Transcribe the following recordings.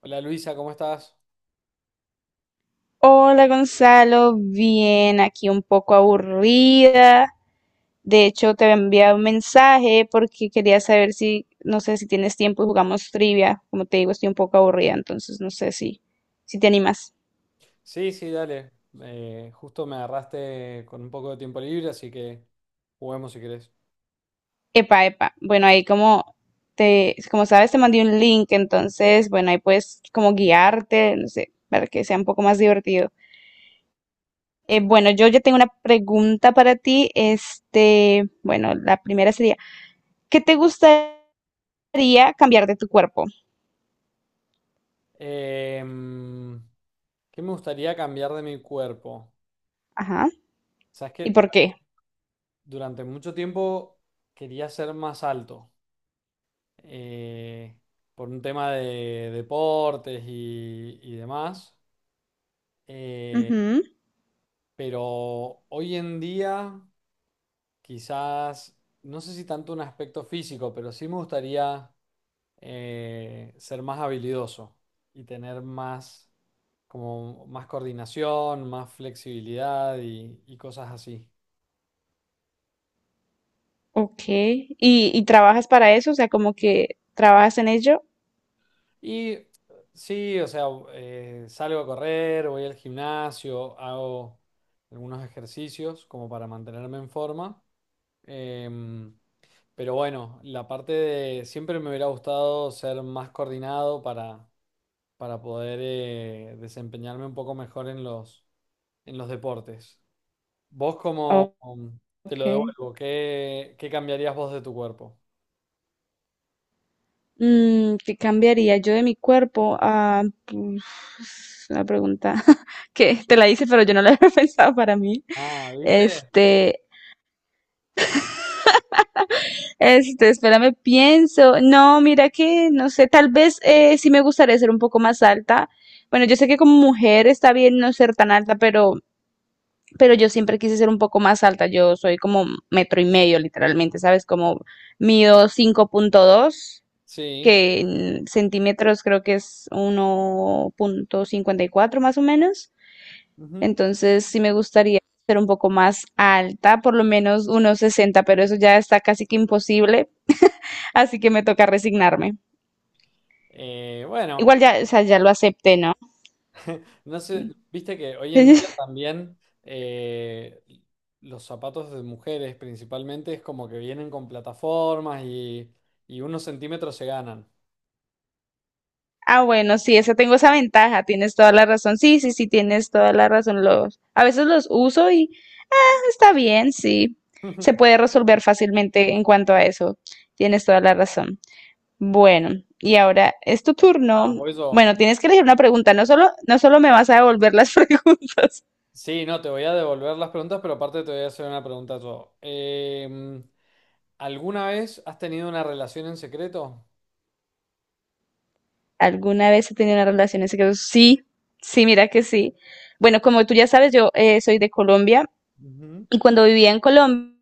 Hola Luisa, ¿cómo estás? Hola Gonzalo, bien, aquí un poco aburrida. De hecho, te había enviado un mensaje porque quería saber si, no sé si tienes tiempo y jugamos trivia. Como te digo, estoy un poco aburrida, entonces no sé si te animas. Sí, sí, dale. Justo me agarraste con un poco de tiempo libre, así que juguemos si querés. Epa, epa. Bueno, ahí como sabes, te mandé un link, entonces, bueno, ahí puedes como guiarte, no sé, para que sea un poco más divertido. Bueno, yo ya tengo una pregunta para ti. Bueno, la primera sería, ¿qué te gusta? Haría cambiar de tu cuerpo? Em, ¿Qué me gustaría cambiar de mi cuerpo? Ajá. Sabes que ¿Y por qué? durante mucho tiempo quería ser más alto, eh, por un tema de deportes y demás. Eh, Ujú. pero hoy en día quizás, no sé si tanto un aspecto físico, pero sí me gustaría... ser más habilidoso y tener más, como más coordinación, más flexibilidad y cosas así. Ok. ¿Y trabajas para eso? O sea, como que trabajas en ello. Y sí, o sea, salgo a correr, voy al gimnasio, hago algunos ejercicios como para mantenerme en forma. Em, pero bueno, la parte de siempre me hubiera gustado ser más coordinado para poder desempeñarme un poco mejor en en los deportes. Vos como, Ok. Te lo devuelvo, ¿ qué cambiarías vos de tu cuerpo? ¿Qué cambiaría yo de mi cuerpo? Ah, pues, es una pregunta que te la hice, pero yo no la había pensado para mí. Ah, ¿viste? Este, espérame, pienso. No, mira que, no sé, tal vez sí me gustaría ser un poco más alta. Bueno, yo sé que como mujer está bien no ser tan alta, pero yo siempre quise ser un poco más alta. Yo soy como metro y medio, literalmente, ¿sabes? Como mido 5.2 Sí. que en centímetros creo que es 1,54 más o menos. Ujú. Entonces sí me gustaría ser un poco más alta, por lo menos unos 60, pero eso ya está casi que imposible, así que me toca resignarme. Bueno, Igual ya, o sea, ya lo acepté, ¿no? no sé, viste que hoy en día también, los zapatos de mujeres principalmente es como que vienen con plataformas y unos centímetros se ganan. Ah, bueno, sí, esa tengo esa ventaja, tienes toda la razón. Sí, sí, sí, tienes toda la razón. Los, a veces los uso y está bien, sí. Se puede resolver fácilmente en cuanto a eso. Tienes toda la razón. Bueno, y ahora es tu turno. Ah, por eso. Bueno, tienes que elegir una pregunta. No solo, no solo me vas a devolver las preguntas. Sí, no, te voy a devolver las preguntas, pero aparte te voy a hacer una pregunta yo. ¿Alguna vez has tenido una relación en secreto? ¿Alguna vez he tenido una relación en secreto? Sí, sí, mira que sí. Bueno, como tú ya sabes, yo soy de Colombia Ujú. y cuando vivía en Colombia,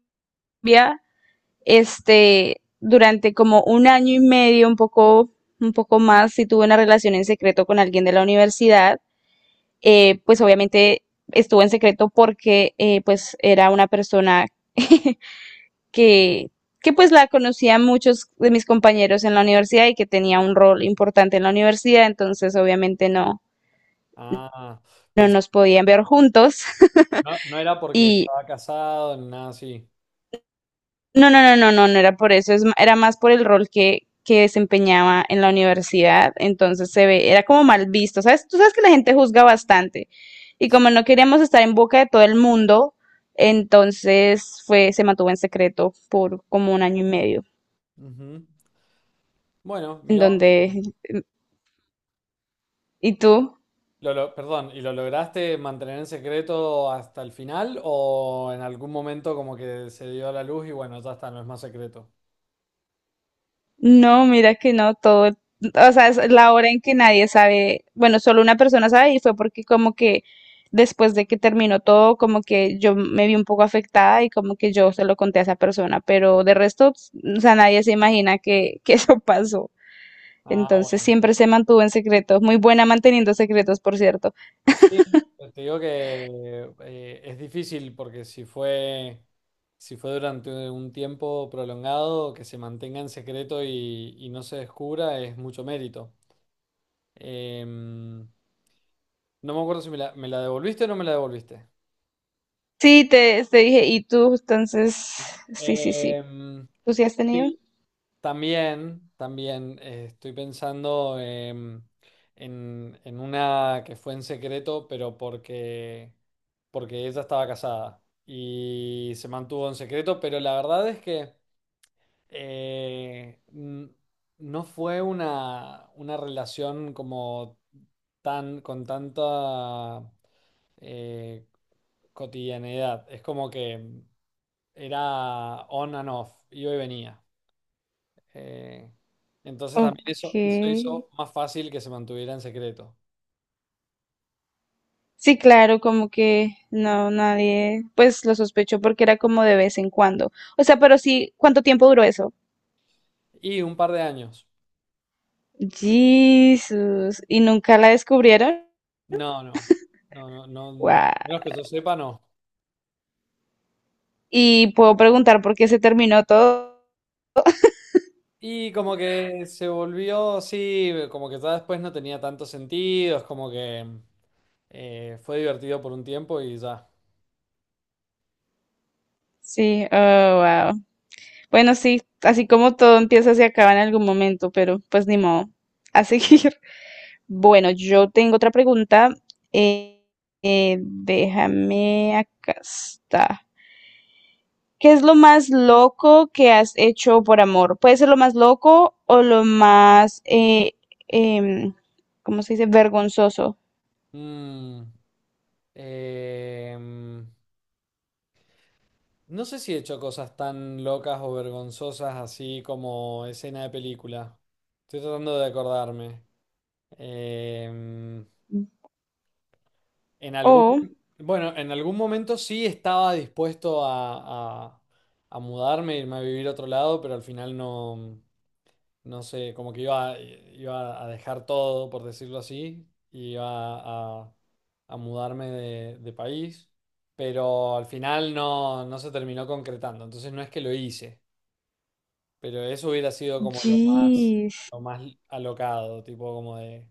durante como un año y medio, un poco más, sí tuve una relación en secreto con alguien de la universidad pues obviamente estuvo en secreto porque pues era una persona que, que pues la conocían muchos de mis compañeros en la universidad y que tenía un rol importante en la universidad, entonces obviamente no, Ah, no pensé, nos podían ver juntos. no, no era porque Y estaba casado ni nada así. no, no, no, no, no, no era por eso, era más por el rol que desempeñaba en la universidad, entonces se ve, era como mal visto, ¿sabes? Tú sabes que la gente juzga bastante y como no queríamos estar en boca de todo el mundo, entonces fue, se mantuvo en secreto por como un año y medio, Ujú. Bueno, en mirá, donde, ¿y tú? Perdón, ¿y lo lograste mantener en secreto hasta el final o en algún momento como que se dio la luz y bueno, ya está, no es más secreto? No, mira que no, todo, o sea, es la hora en que nadie sabe, bueno, solo una persona sabe y fue porque como que después de que terminó todo, como que yo me vi un poco afectada y como que yo se lo conté a esa persona, pero de resto, pues, o sea, nadie se imagina que eso pasó. Ah, Entonces bueno. siempre se mantuvo en secreto, muy buena manteniendo secretos, por cierto. Sí, te digo que es difícil porque si fue, si fue durante un tiempo prolongado, que se mantenga en secreto y no se descubra es mucho mérito. Em, no me acuerdo si me me la devolviste o no me la devolviste. Sí, te dije, ¿y tú? Entonces, sí, sí, sí. Em, ¿Tú sí has tenido? Sí. También, también, estoy pensando, en una que fue en secreto, pero porque, porque ella estaba casada y se mantuvo en secreto, pero la verdad es que eh, n- no fue una relación como tan, con tanta eh, cotidianidad. Es como que era on and off, iba y venía. Eh, entonces también Ok. eso hizo más fácil que se mantuviera en secreto. Sí, claro, como que no, nadie, pues lo sospechó porque era como de vez en cuando. O sea, pero sí, ¿cuánto tiempo duró eso? Y un par de años. Jesús, ¿y nunca la descubrieron? No, no, no, no, no, Wow. menos que yo sepa, no. Y puedo preguntar por qué se terminó todo. Y como que se volvió, sí, como que ya después no tenía tanto sentido, es como que fue divertido por un tiempo y ya. Sí, oh, wow. Bueno, sí, así como todo empieza, se acaba en algún momento, pero pues ni modo. A seguir. Bueno, yo tengo otra pregunta. Eh, déjame acá está. ¿Qué es lo más loco que has hecho por amor? Puede ser lo más loco o lo más, em, ¿cómo se dice? Vergonzoso. Mm, em, no sé si he hecho cosas tan locas o vergonzosas así como escena de película. Estoy tratando de acordarme. Em, en algún, Oh, bueno, en algún momento sí estaba dispuesto a mudarme, irme a vivir a otro lado, pero al final no. No sé, como que iba, iba a dejar todo, por decirlo así, y iba a mudarme de país, pero al final no, no se terminó concretando, entonces no es que lo hice, pero eso hubiera sido como jeez. lo más alocado, tipo como de...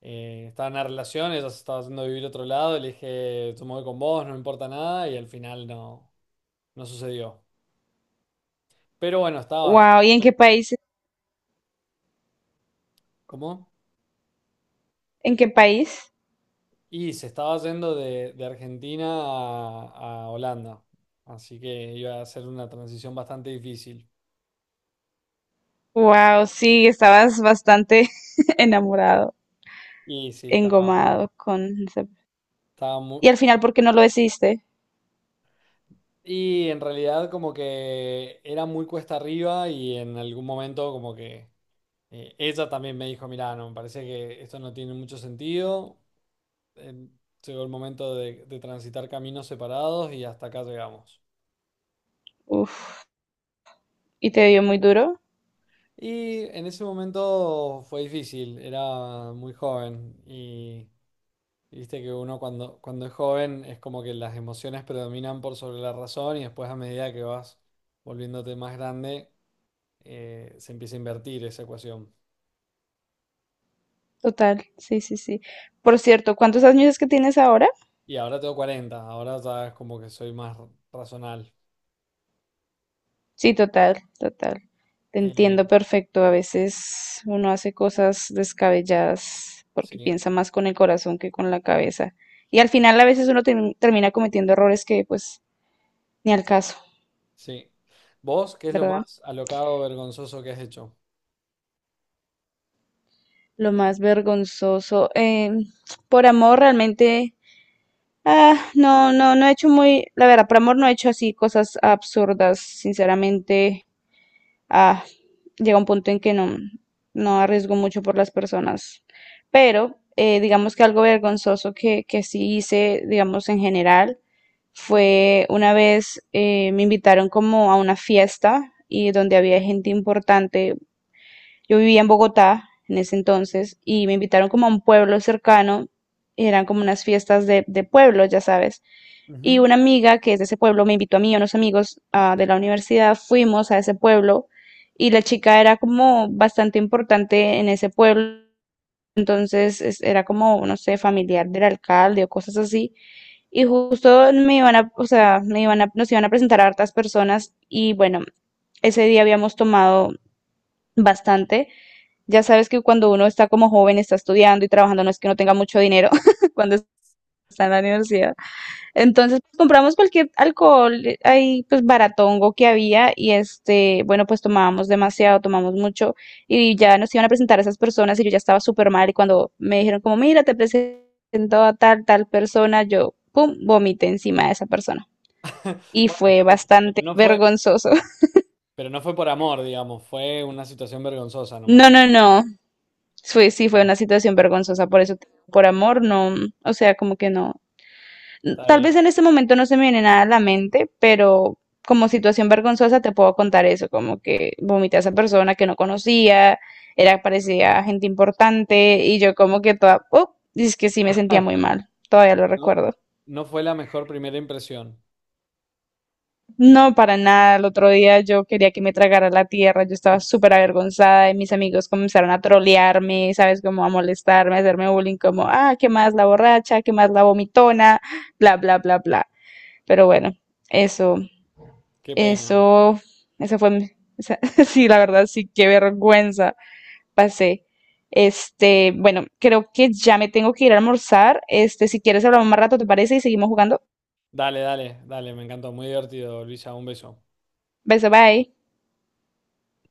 estaba en una relación, ella se estaba haciendo vivir a otro lado, y le dije, yo me voy con vos, no me importa nada, y al final no, no sucedió. Pero bueno, estaba bastante... Wow, ¿y en qué país? ¿Cómo? ¿En qué país? Y se estaba yendo de Argentina a Holanda, así que iba a ser una transición bastante difícil. Wow, sí, estabas bastante enamorado, Y sí, estaba, engomado con... estaba mu- Y al final, ¿por qué no lo hiciste? Y en realidad como que era muy cuesta arriba y en algún momento como que ella también me dijo, mirá, no, me parece que esto no tiene mucho sentido. Eh, Llegó el momento de transitar caminos separados y hasta acá llegamos. Uf, y te dio muy duro. Y en ese momento fue difícil, era muy joven. Y viste que uno cuando, cuando es joven es como que las emociones predominan por sobre la razón y después a medida que vas volviéndote más grande, se empieza a invertir esa ecuación. Total, sí, sí, sí. Por cierto, ¿cuántos años es que tienes ahora? Y ahora tengo 40, ahora ya es como que soy más razonal. Sí, total, total. Te Eh, entiendo perfecto. A veces uno hace cosas descabelladas porque sí, piensa más con el corazón que con la cabeza. Y al final a veces uno termina cometiendo errores que pues ni al caso, sí. ¿Vos qué es lo ¿verdad? más alocado vergonzoso que has hecho? Lo más vergonzoso. Por amor realmente, no, no, no he hecho muy, la verdad, por amor no he hecho así cosas absurdas, sinceramente. ah, Llega un punto en que no, no arriesgo mucho por las personas. Pero digamos que algo vergonzoso que sí hice, digamos en general, fue una vez me invitaron como a una fiesta y donde había gente importante. Yo vivía en Bogotá en ese entonces y me invitaron como a un pueblo cercano, eran como unas fiestas de pueblo, ya sabes. Y Ujú. una amiga que es de ese pueblo me invitó a mí y a unos amigos de la universidad, fuimos a ese pueblo y la chica era como bastante importante en ese pueblo, entonces era como, no sé, familiar del alcalde o cosas así. Y justo me iban a, o sea, me iban a, nos iban a presentar a hartas personas y bueno, ese día habíamos tomado bastante. Ya sabes que cuando uno está como joven, está estudiando y trabajando, no es que no tenga mucho dinero cuando está en la universidad. Entonces, pues, compramos cualquier alcohol ahí, pues baratongo que había y este, bueno, pues tomábamos demasiado, tomamos mucho y ya nos iban a presentar a esas personas y yo ya estaba súper mal y cuando me dijeron como, mira, te presento a tal, tal persona, yo, pum, vomité encima de esa persona. Y Bueno, fue está, pero bastante no fue, vergonzoso. pero no fue por amor, digamos, fue una situación vergonzosa nomás. No, no, no. Fue, sí, fue Está, una situación vergonzosa, por eso, por amor, no, o sea, como que no. está Tal bien. vez en este momento no se me viene nada a la mente, pero como situación vergonzosa te puedo contar eso, como que vomité a esa persona que no conocía, era, parecía gente importante, y yo como que toda, oh, y es que sí me sentía muy mal, todavía lo No, recuerdo. no fue la mejor primera impresión. No, para nada. El otro día yo quería que me tragara la tierra. Yo estaba súper avergonzada y mis amigos comenzaron a trolearme, ¿sabes? Como a molestarme, a hacerme bullying, como, ah, ¿qué más la borracha? ¿Qué más la vomitona? Bla, bla, bla, bla. Pero bueno, eso, Qué pena. eso, eso fue, esa- sí, la verdad, sí, qué vergüenza pasé. Bueno, creo que ya me tengo que ir a almorzar. Si quieres hablamos más rato, ¿te parece? Y seguimos jugando. Dale, dale, dale, me encantó. Muy divertido, Luisa. Un beso. Beso, bye.